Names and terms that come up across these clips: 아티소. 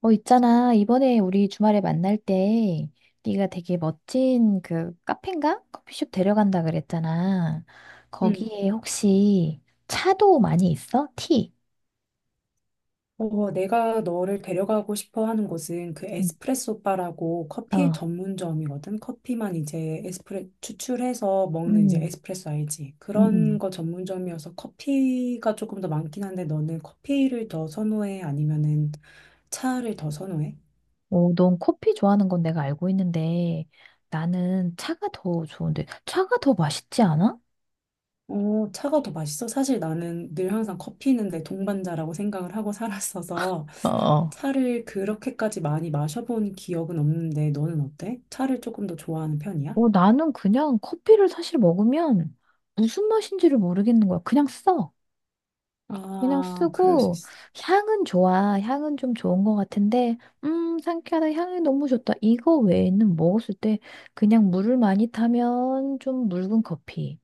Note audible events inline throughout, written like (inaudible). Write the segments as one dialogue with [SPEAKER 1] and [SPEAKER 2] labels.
[SPEAKER 1] 어, 있잖아. 이번에 우리 주말에 만날 때 네가 되게 멋진 그 카페인가? 커피숍 데려간다 그랬잖아.
[SPEAKER 2] 음.
[SPEAKER 1] 거기에 혹시 차도 많이 있어? 티?
[SPEAKER 2] 어, 내가 너를 데려가고 싶어 하는 곳은 그
[SPEAKER 1] 응.
[SPEAKER 2] 에스프레소 바라고 커피
[SPEAKER 1] 어.
[SPEAKER 2] 전문점이거든. 커피만 이제 에스프레 추출해서 먹는 이제
[SPEAKER 1] 음,
[SPEAKER 2] 에스프레소 알지? 그런
[SPEAKER 1] 음.
[SPEAKER 2] 거 전문점이어서 커피가 조금 더 많긴 한데 너는 커피를 더 선호해? 아니면은 차를 더 선호해?
[SPEAKER 1] 어, 넌 커피 좋아하는 건 내가 알고 있는데 나는 차가 더 좋은데 차가 더 맛있지 않아?
[SPEAKER 2] 어, 차가 더 맛있어? 사실 나는 늘 항상 커피는 내 동반자라고 생각을 하고 살았어서
[SPEAKER 1] 어, 어.
[SPEAKER 2] 차를 그렇게까지 많이 마셔본 기억은 없는데 너는 어때? 차를 조금 더 좋아하는 편이야?
[SPEAKER 1] 어, 나는 그냥 커피를 사실 먹으면 무슨 맛인지를 모르겠는 거야. 그냥 써. 그냥
[SPEAKER 2] 아, 그럴 수
[SPEAKER 1] 쓰고
[SPEAKER 2] 있어.
[SPEAKER 1] 향은 좋아. 향은 좀 좋은 것 같은데 상쾌하다. 향이 너무 좋다. 이거 외에는 먹었을 때 그냥 물을 많이 타면 좀 묽은 커피.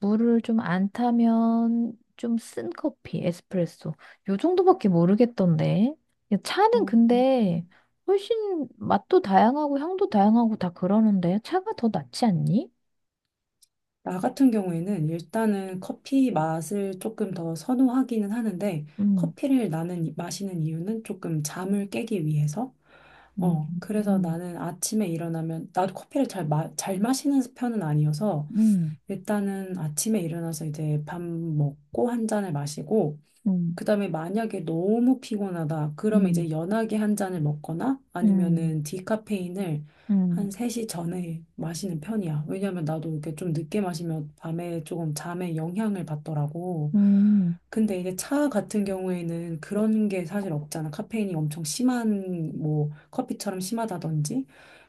[SPEAKER 1] 물을 좀 안 타면 좀 쓴 커피, 에스프레소. 요 정도밖에 모르겠던데. 야, 차는
[SPEAKER 2] 어.
[SPEAKER 1] 근데 훨씬 맛도 다양하고 향도 다양하고 다 그러는데 차가 더 낫지 않니?
[SPEAKER 2] 나 같은 경우에는 일단은 커피 맛을 조금 더 선호하기는 하는데
[SPEAKER 1] 음.
[SPEAKER 2] 커피를 나는 마시는 이유는 조금 잠을 깨기 위해서. 어, 그래서
[SPEAKER 1] 음.
[SPEAKER 2] 나는 아침에 일어나면 나도 커피를 잘 마시는 편은 아니어서
[SPEAKER 1] 음.
[SPEAKER 2] 일단은 아침에 일어나서 이제 밥 먹고 한 잔을 마시고
[SPEAKER 1] 음.
[SPEAKER 2] 그다음에 만약에 너무 피곤하다. 그러면
[SPEAKER 1] 음.
[SPEAKER 2] 이제 연하게 한 잔을 먹거나
[SPEAKER 1] 음. 음.
[SPEAKER 2] 아니면은 디카페인을
[SPEAKER 1] 음.
[SPEAKER 2] 한 3시 전에 마시는 편이야. 왜냐면 나도 이렇게 좀 늦게 마시면 밤에 조금 잠에 영향을 받더라고.
[SPEAKER 1] 음,
[SPEAKER 2] 근데 이제 차 같은 경우에는 그런 게 사실 없잖아. 카페인이 엄청 심한 뭐 커피처럼 심하다든지.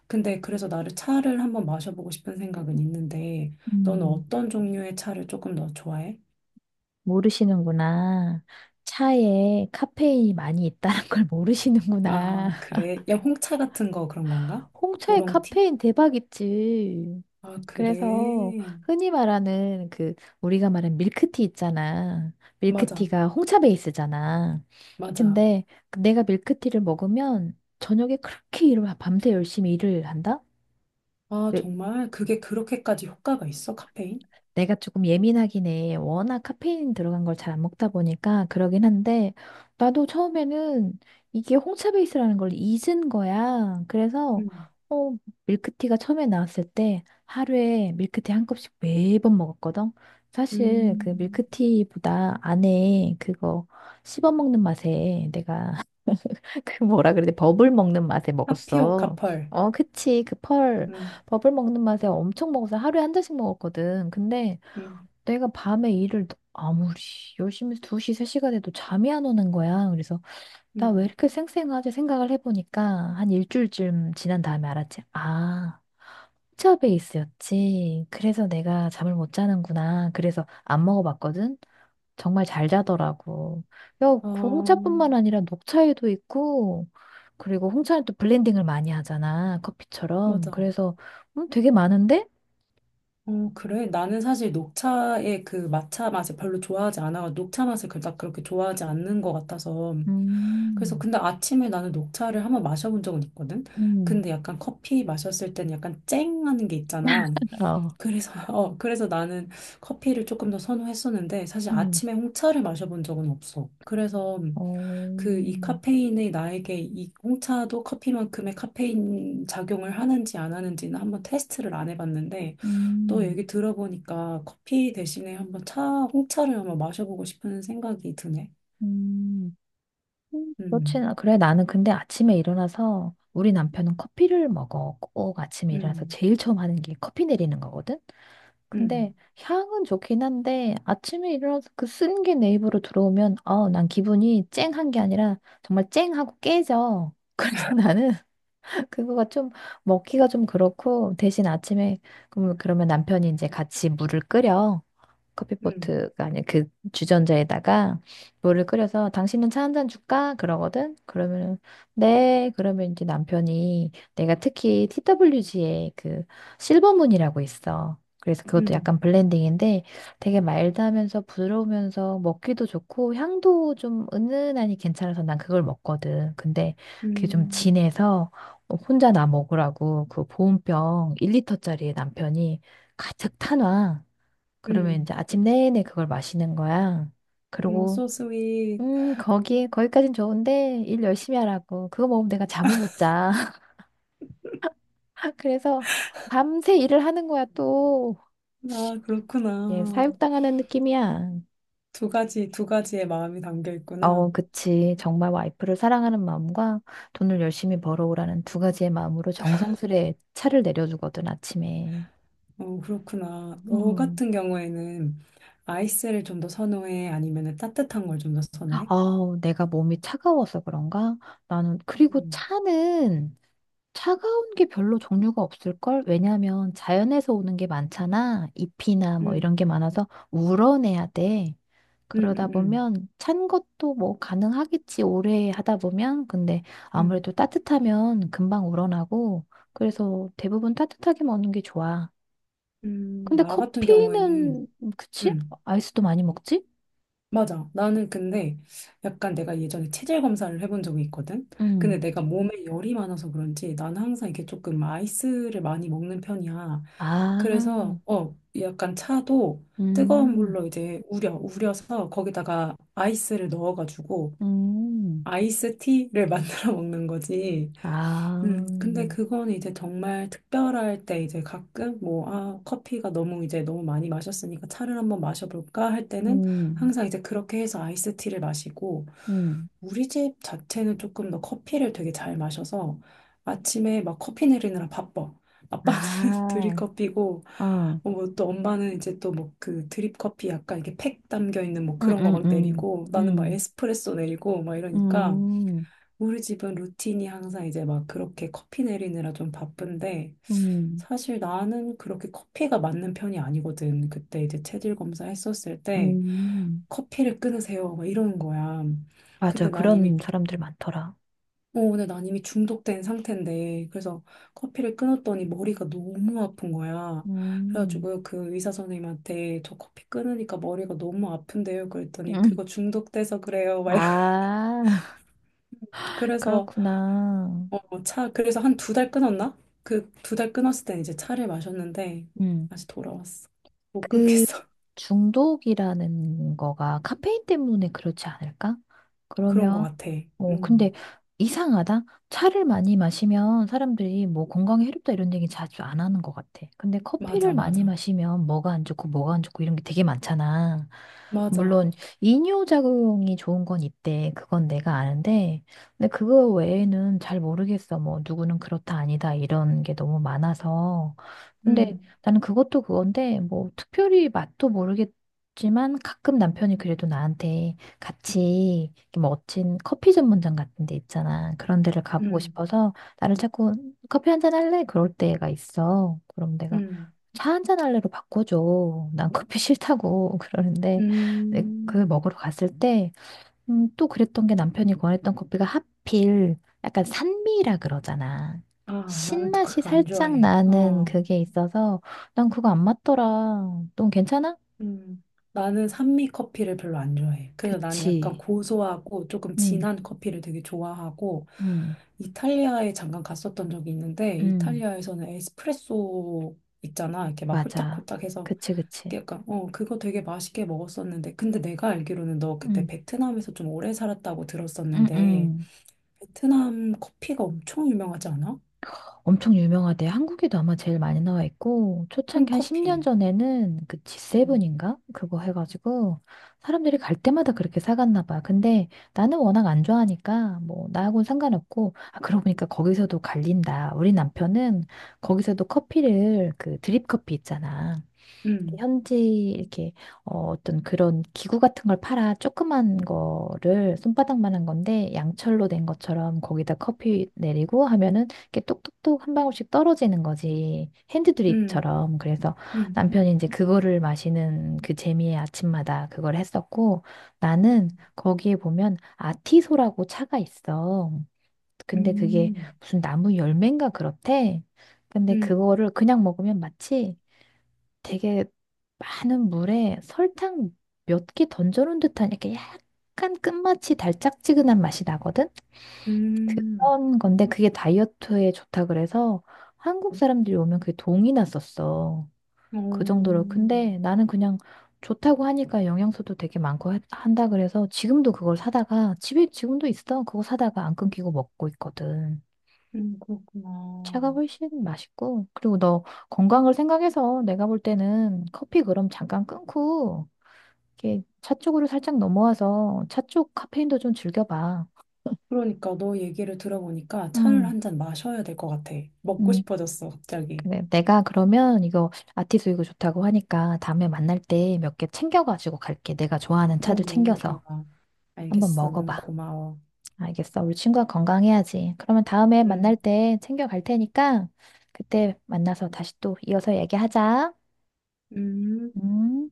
[SPEAKER 2] 근데 그래서 나를 차를 한번 마셔보고 싶은 생각은 있는데 너는
[SPEAKER 1] 음,
[SPEAKER 2] 어떤 종류의 차를 조금 더 좋아해?
[SPEAKER 1] 모르시는구나. 차에 카페인이 많이 있다는 걸 모르시는구나.
[SPEAKER 2] 아, 그래. 야, 홍차 같은 거 그런 건가?
[SPEAKER 1] (laughs) 홍차에
[SPEAKER 2] 우롱티?
[SPEAKER 1] 카페인 대박이지.
[SPEAKER 2] 아,
[SPEAKER 1] 그래서
[SPEAKER 2] 그래.
[SPEAKER 1] 흔히 말하는 그 우리가 말하는 밀크티 있잖아.
[SPEAKER 2] 맞아,
[SPEAKER 1] 밀크티가 홍차 베이스잖아.
[SPEAKER 2] 맞아.
[SPEAKER 1] 근데 내가 밀크티를 먹으면 저녁에 그렇게 일을 밤새 열심히 일을 한다?
[SPEAKER 2] 아,
[SPEAKER 1] 왜-
[SPEAKER 2] 정말 그게 그렇게까지 효과가 있어, 카페인?
[SPEAKER 1] 내가 조금 예민하긴 해. 워낙 카페인 들어간 걸 잘 안 먹다 보니까 그러긴 한데, 나도 처음에는 이게 홍차 베이스라는 걸 잊은 거야. 그래서,
[SPEAKER 2] 음,
[SPEAKER 1] 어, 밀크티가 처음에 나왔을 때 하루에 밀크티 한 컵씩 매번 먹었거든. 사실 그
[SPEAKER 2] 음,
[SPEAKER 1] 밀크티보다 안에 그거 씹어 먹는 맛에 내가 (laughs) 그 뭐라 그래, 버블 먹는 맛에
[SPEAKER 2] 카피오
[SPEAKER 1] 먹었어.
[SPEAKER 2] 카펄.
[SPEAKER 1] 어, 그치. 그 펄,
[SPEAKER 2] 음,
[SPEAKER 1] 버블 먹는 맛에 엄청 먹어서 하루에 한 잔씩 먹었거든. 근데
[SPEAKER 2] 음,
[SPEAKER 1] 내가 밤에 일을 아무리 열심히 2시, 3시가 돼도 잠이 안 오는 거야. 그래서 나 왜
[SPEAKER 2] 음.
[SPEAKER 1] 이렇게 쌩쌩하지 생각을 해보니까 한 일주일쯤 지난 다음에 알았지. 아, 홍차 베이스였지. 그래서 내가 잠을 못 자는구나. 그래서 안 먹어봤거든. 정말 잘 자더라고. 야, 그
[SPEAKER 2] 어,
[SPEAKER 1] 홍차뿐만 아니라 녹차에도 있고, 그리고 홍차는 또 블렌딩을 많이 하잖아. 커피처럼.
[SPEAKER 2] 맞아.
[SPEAKER 1] 그래서 되게 많은데?
[SPEAKER 2] 어, 그래? 나는 사실 녹차의 그 matcha 맛을 별로 좋아하지 않아. 녹차 맛을 그닥 그렇게 좋아하지 않는 것 같아서. 그래서
[SPEAKER 1] 음,
[SPEAKER 2] 근데 아침에 나는 녹차를 한번 마셔본 적은 있거든?
[SPEAKER 1] 음,
[SPEAKER 2] 근데 약간 커피 마셨을 때는 약간 쨍하는 게 있잖아.
[SPEAKER 1] 어,
[SPEAKER 2] 그래서, (laughs) 어, 그래서 나는 커피를 조금 더 선호했었는데 사실
[SPEAKER 1] 음.
[SPEAKER 2] 아침에 홍차를 마셔본 적은 없어. 그래서
[SPEAKER 1] 어,
[SPEAKER 2] 그 이 카페인이 나에게 이 홍차도 커피만큼의 카페인 작용을 하는지 안 하는지는 한번 테스트를 안 해봤는데 너
[SPEAKER 1] 음,
[SPEAKER 2] 얘기 들어보니까 커피 대신에 한번 차, 홍차를 한번 마셔보고 싶은 생각이 드네.
[SPEAKER 1] 음,
[SPEAKER 2] 음,
[SPEAKER 1] 그래, 나는 근데 아침에 일어나서 우리 남편은 커피를 먹어. 꼭 아침에 일어나서
[SPEAKER 2] 음,
[SPEAKER 1] 제일 처음 하는 게 커피 내리는 거거든? 근데
[SPEAKER 2] 음,
[SPEAKER 1] 향은 좋긴 한데 아침에 일어나서 그 쓴 게 내 입으로 들어오면, 난 기분이 쨍한 게 아니라 정말 쨍하고 깨져. (laughs) 그래서 나는 (laughs) 그거가 좀 먹기가 좀 그렇고 대신 아침에 그러면 남편이 이제 같이 물을 끓여.
[SPEAKER 2] 음,
[SPEAKER 1] 커피포트가 아닌 그 주전자에다가 물을 끓여서 당신은 차 한 잔 줄까? 그러거든. 그러면은 네. 그러면 이제 남편이 내가 특히 TWG에 그 실버문이라고 있어. 그래서 그것도
[SPEAKER 2] 음,
[SPEAKER 1] 약간 블렌딩인데 되게 마일드하면서 부드러우면서 먹기도 좋고 향도 좀 은은하니 괜찮아서 난 그걸 먹거든. 근데 그게 좀
[SPEAKER 2] 음,
[SPEAKER 1] 진해서 혼자 나 먹으라고 그 보온병 1리터짜리 남편이 가득 타놔. 그러면 이제
[SPEAKER 2] 음.
[SPEAKER 1] 아침 내내 그걸 마시는 거야.
[SPEAKER 2] 어,
[SPEAKER 1] 그리고
[SPEAKER 2] so sweet.
[SPEAKER 1] 거기까진 좋은데 일 열심히 하라고. 그거 먹으면 내가 잠을 못 자. (laughs) 그래서 밤새 일을 하는 거야 또.
[SPEAKER 2] 아,
[SPEAKER 1] 얘
[SPEAKER 2] 그렇구나.
[SPEAKER 1] 사육당하는 느낌이야.
[SPEAKER 2] 두 가지의 마음이 담겨 있구나.
[SPEAKER 1] 어, 그치. 정말 와이프를 사랑하는 마음과 돈을 열심히 벌어오라는 두 가지의 마음으로 정성스레 차를 내려주거든, 아침에.
[SPEAKER 2] 어, 그렇구나. 너
[SPEAKER 1] 음.
[SPEAKER 2] 같은 경우에는 아이스를 좀 더 선호해? 아니면 따뜻한 걸 좀 더 선호해?
[SPEAKER 1] 아우, 내가 몸이 차가워서 그런가? 나는, 그리고
[SPEAKER 2] 음,
[SPEAKER 1] 차는 차가운 게 별로 종류가 없을걸? 왜냐면 자연에서 오는 게 많잖아. 잎이나 뭐 이런
[SPEAKER 2] 음,
[SPEAKER 1] 게 많아서 우러내야 돼.
[SPEAKER 2] 음,
[SPEAKER 1] 그러다
[SPEAKER 2] 음, 음,
[SPEAKER 1] 보면 찬 것도 뭐 가능하겠지. 오래 하다 보면. 근데
[SPEAKER 2] 음.
[SPEAKER 1] 아무래도 따뜻하면 금방 우러나고. 그래서 대부분 따뜻하게 먹는 게 좋아. 근데
[SPEAKER 2] 나 같은
[SPEAKER 1] 커피는,
[SPEAKER 2] 경우에는,
[SPEAKER 1] 그치?
[SPEAKER 2] 음.
[SPEAKER 1] 아이스도 많이 먹지?
[SPEAKER 2] 맞아. 나는 근데 약간 내가 예전에 체질 검사를 해본 적이 있거든. 근데
[SPEAKER 1] 음.
[SPEAKER 2] 내가 몸에 열이 많아서 그런지 나는 항상 이게 조금 아이스를 많이 먹는 편이야. 그래서
[SPEAKER 1] 아,
[SPEAKER 2] 어 약간 차도 뜨거운
[SPEAKER 1] 음,
[SPEAKER 2] 물로 이제 우려서 거기다가 아이스를 넣어가지고
[SPEAKER 1] 음,
[SPEAKER 2] 아이스티를 (laughs) 만들어 먹는 거지.
[SPEAKER 1] 아,
[SPEAKER 2] 근데 그건 이제 정말 특별할 때 이제 가끔 뭐, 아, 커피가 너무 이제 너무 많이 마셨으니까 차를 한번 마셔볼까 할 때는
[SPEAKER 1] 음,
[SPEAKER 2] 항상 이제 그렇게 해서 아이스티를 마시고
[SPEAKER 1] 음.
[SPEAKER 2] 우리 집 자체는 조금 더 커피를 되게 잘 마셔서 아침에 막 커피 내리느라 바빠. 아빠는 (laughs)
[SPEAKER 1] 아,
[SPEAKER 2] 드립커피고
[SPEAKER 1] 어, 응,
[SPEAKER 2] 뭐 또 엄마는 이제 또 뭐 그 드립커피 약간 이렇게 팩 담겨 있는 뭐
[SPEAKER 1] 응,
[SPEAKER 2] 그런 거 막
[SPEAKER 1] 응,
[SPEAKER 2] 내리고 나는 막
[SPEAKER 1] 응,
[SPEAKER 2] 에스프레소 내리고 막 이러니까
[SPEAKER 1] 응,
[SPEAKER 2] 우리 집은 루틴이 항상 이제 막 그렇게 커피 내리느라 좀 바쁜데,
[SPEAKER 1] 응,
[SPEAKER 2] 사실 나는 그렇게 커피가 맞는 편이 아니거든. 그때 이제 체질 검사 했었을 때,
[SPEAKER 1] 응.
[SPEAKER 2] 커피를 끊으세요. 막 이러는 거야.
[SPEAKER 1] 맞아,
[SPEAKER 2] 근데 난 이미,
[SPEAKER 1] 그런 사람들 많더라.
[SPEAKER 2] 어, 근데 난 이미 중독된 상태인데, 그래서 커피를 끊었더니 머리가 너무 아픈 거야.
[SPEAKER 1] 응,
[SPEAKER 2] 그래가지고 그 의사 선생님한테 저 커피 끊으니까 머리가 너무 아픈데요. 그랬더니
[SPEAKER 1] 응.
[SPEAKER 2] 그거 중독돼서 그래요.
[SPEAKER 1] 아, (laughs)
[SPEAKER 2] 그래서
[SPEAKER 1] 그렇구나.
[SPEAKER 2] 어, 차, 그래서 한 두 달 끊었나? 그 두 달 끊었을 땐 이제 차를 마셨는데
[SPEAKER 1] 응.
[SPEAKER 2] 다시 돌아왔어. 못
[SPEAKER 1] 그
[SPEAKER 2] 끊겠어.
[SPEAKER 1] 중독이라는 거가 카페인 때문에 그렇지 않을까?
[SPEAKER 2] (laughs) 그런 것
[SPEAKER 1] 그러면
[SPEAKER 2] 같아.
[SPEAKER 1] 뭐 근데
[SPEAKER 2] 음,
[SPEAKER 1] 이상하다. 차를 많이 마시면 사람들이 뭐 건강에 해롭다 이런 얘기 자주 안 하는 것 같아. 근데 커피를
[SPEAKER 2] 맞아,
[SPEAKER 1] 많이
[SPEAKER 2] 맞아,
[SPEAKER 1] 마시면 뭐가 안 좋고 뭐가 안 좋고 이런 게 되게 많잖아. 물론
[SPEAKER 2] 맞아.
[SPEAKER 1] 이뇨작용이 좋은 건 있대. 그건 내가 아는데 근데 그거 외에는 잘 모르겠어. 뭐 누구는 그렇다 아니다 이런 게 너무 많아서. 근데
[SPEAKER 2] 음,
[SPEAKER 1] 나는 그것도 그건데, 뭐, 특별히 맛도 모르겠지만, 가끔 남편이 그래도 나한테 같이 이렇게 뭐 멋진 커피 전문점 같은 데 있잖아. 그런 데를 가보고
[SPEAKER 2] 음,
[SPEAKER 1] 싶어서, 나를 자꾸 커피 한잔 할래? 그럴 때가 있어. 그럼 내가
[SPEAKER 2] 음,
[SPEAKER 1] 차 한잔 할래로 바꿔줘. 난 커피 싫다고. (laughs) 그러는데, 그
[SPEAKER 2] 음.
[SPEAKER 1] 먹으러 갔을 때, 또 그랬던 게 남편이 권했던 커피가 하필 약간 산미라 그러잖아.
[SPEAKER 2] 아, 나는 또
[SPEAKER 1] 신맛이
[SPEAKER 2] 그거 안
[SPEAKER 1] 살짝
[SPEAKER 2] 좋아해.
[SPEAKER 1] 나는
[SPEAKER 2] 어,
[SPEAKER 1] 그게 있어서 난 그거 안 맞더라. 넌 괜찮아?
[SPEAKER 2] 음, 나는 산미 커피를 별로 안 좋아해. 그래서 나는 약간
[SPEAKER 1] 그치.
[SPEAKER 2] 고소하고 조금
[SPEAKER 1] 응,
[SPEAKER 2] 진한 커피를 되게 좋아하고
[SPEAKER 1] 응,
[SPEAKER 2] 이탈리아에 잠깐 갔었던 적이 있는데
[SPEAKER 1] 응.
[SPEAKER 2] 이탈리아에서는 에스프레소 있잖아. 이렇게 막
[SPEAKER 1] 맞아.
[SPEAKER 2] 홀짝홀짝해서
[SPEAKER 1] 그치, 그치.
[SPEAKER 2] 약간 어 그거 되게 맛있게 먹었었는데 근데 내가 알기로는 너 그때
[SPEAKER 1] 응,
[SPEAKER 2] 베트남에서 좀 오래 살았다고
[SPEAKER 1] 응,
[SPEAKER 2] 들었었는데
[SPEAKER 1] 응.
[SPEAKER 2] 베트남 커피가 엄청 유명하지 않아?
[SPEAKER 1] 엄청 유명하대. 한국에도 아마 제일 많이 나와 있고, 초창기 한 10년
[SPEAKER 2] 콩커피.
[SPEAKER 1] 전에는 그
[SPEAKER 2] 음,
[SPEAKER 1] G7인가? 그거 해가지고, 사람들이 갈 때마다 그렇게 사갔나 봐. 근데 나는 워낙 안 좋아하니까, 뭐, 나하고는 상관없고, 아, 그러고 보니까 거기서도 갈린다. 우리 남편은 거기서도 커피를, 그 드립 커피 있잖아.
[SPEAKER 2] 음,
[SPEAKER 1] 현지 이렇게 어떤 그런 기구 같은 걸 팔아 조그만 거를 손바닥만한 건데 양철로 된 것처럼 거기다 커피 내리고 하면은 이렇게 똑똑똑 한 방울씩 떨어지는 거지
[SPEAKER 2] 음,
[SPEAKER 1] 핸드드립처럼 그래서
[SPEAKER 2] 음,
[SPEAKER 1] 남편이 이제 그거를 마시는 그 재미에 아침마다 그걸 했었고 나는 거기에 보면 아티소라고 차가 있어
[SPEAKER 2] 음,
[SPEAKER 1] 근데 그게
[SPEAKER 2] 음,
[SPEAKER 1] 무슨 나무 열매인가 그렇대 근데
[SPEAKER 2] 음.
[SPEAKER 1] 그거를 그냥 먹으면 마치 되게 많은 물에 설탕 몇 개 던져놓은 듯한 이렇게 약간 끝맛이 달짝지근한 맛이 나거든?
[SPEAKER 2] 음.
[SPEAKER 1] 그런 건데 그게 다이어트에 좋다 그래서 한국 사람들이 오면 그게 동이 났었어. 그 정도로. 근데
[SPEAKER 2] 음,
[SPEAKER 1] 나는 그냥 좋다고 하니까 영양소도 되게 많고 한다 그래서 지금도 그걸 사다가 집에 지금도 있어. 그거 사다가 안 끊기고 먹고 있거든. 차가
[SPEAKER 2] 그렇구나.
[SPEAKER 1] 훨씬 맛있고 그리고 너 건강을 생각해서 내가 볼 때는 커피 그럼 잠깐 끊고 이렇게 차 쪽으로 살짝 넘어와서 차 쪽 카페인도 좀 즐겨봐.
[SPEAKER 2] 그러니까 너 얘기를 들어보니까 차를
[SPEAKER 1] 음,
[SPEAKER 2] 한 잔 마셔야 될 것 같아. 먹고
[SPEAKER 1] 음.
[SPEAKER 2] 싶어졌어, 갑자기.
[SPEAKER 1] 그래. 내가 그러면 이거 아티수 이거 좋다고 하니까 다음에 만날 때 몇 개 챙겨가지고 갈게. 내가 좋아하는
[SPEAKER 2] 어,
[SPEAKER 1] 차들
[SPEAKER 2] 너무 좋아.
[SPEAKER 1] 챙겨서 한번
[SPEAKER 2] 알겠어. 너무
[SPEAKER 1] 먹어봐.
[SPEAKER 2] 고마워.
[SPEAKER 1] 알겠어. 우리 친구가 건강해야지. 그러면 다음에 만날
[SPEAKER 2] 음,
[SPEAKER 1] 때 챙겨갈 테니까 그때 만나서 다시 또 이어서 얘기하자.
[SPEAKER 2] 음.
[SPEAKER 1] 음.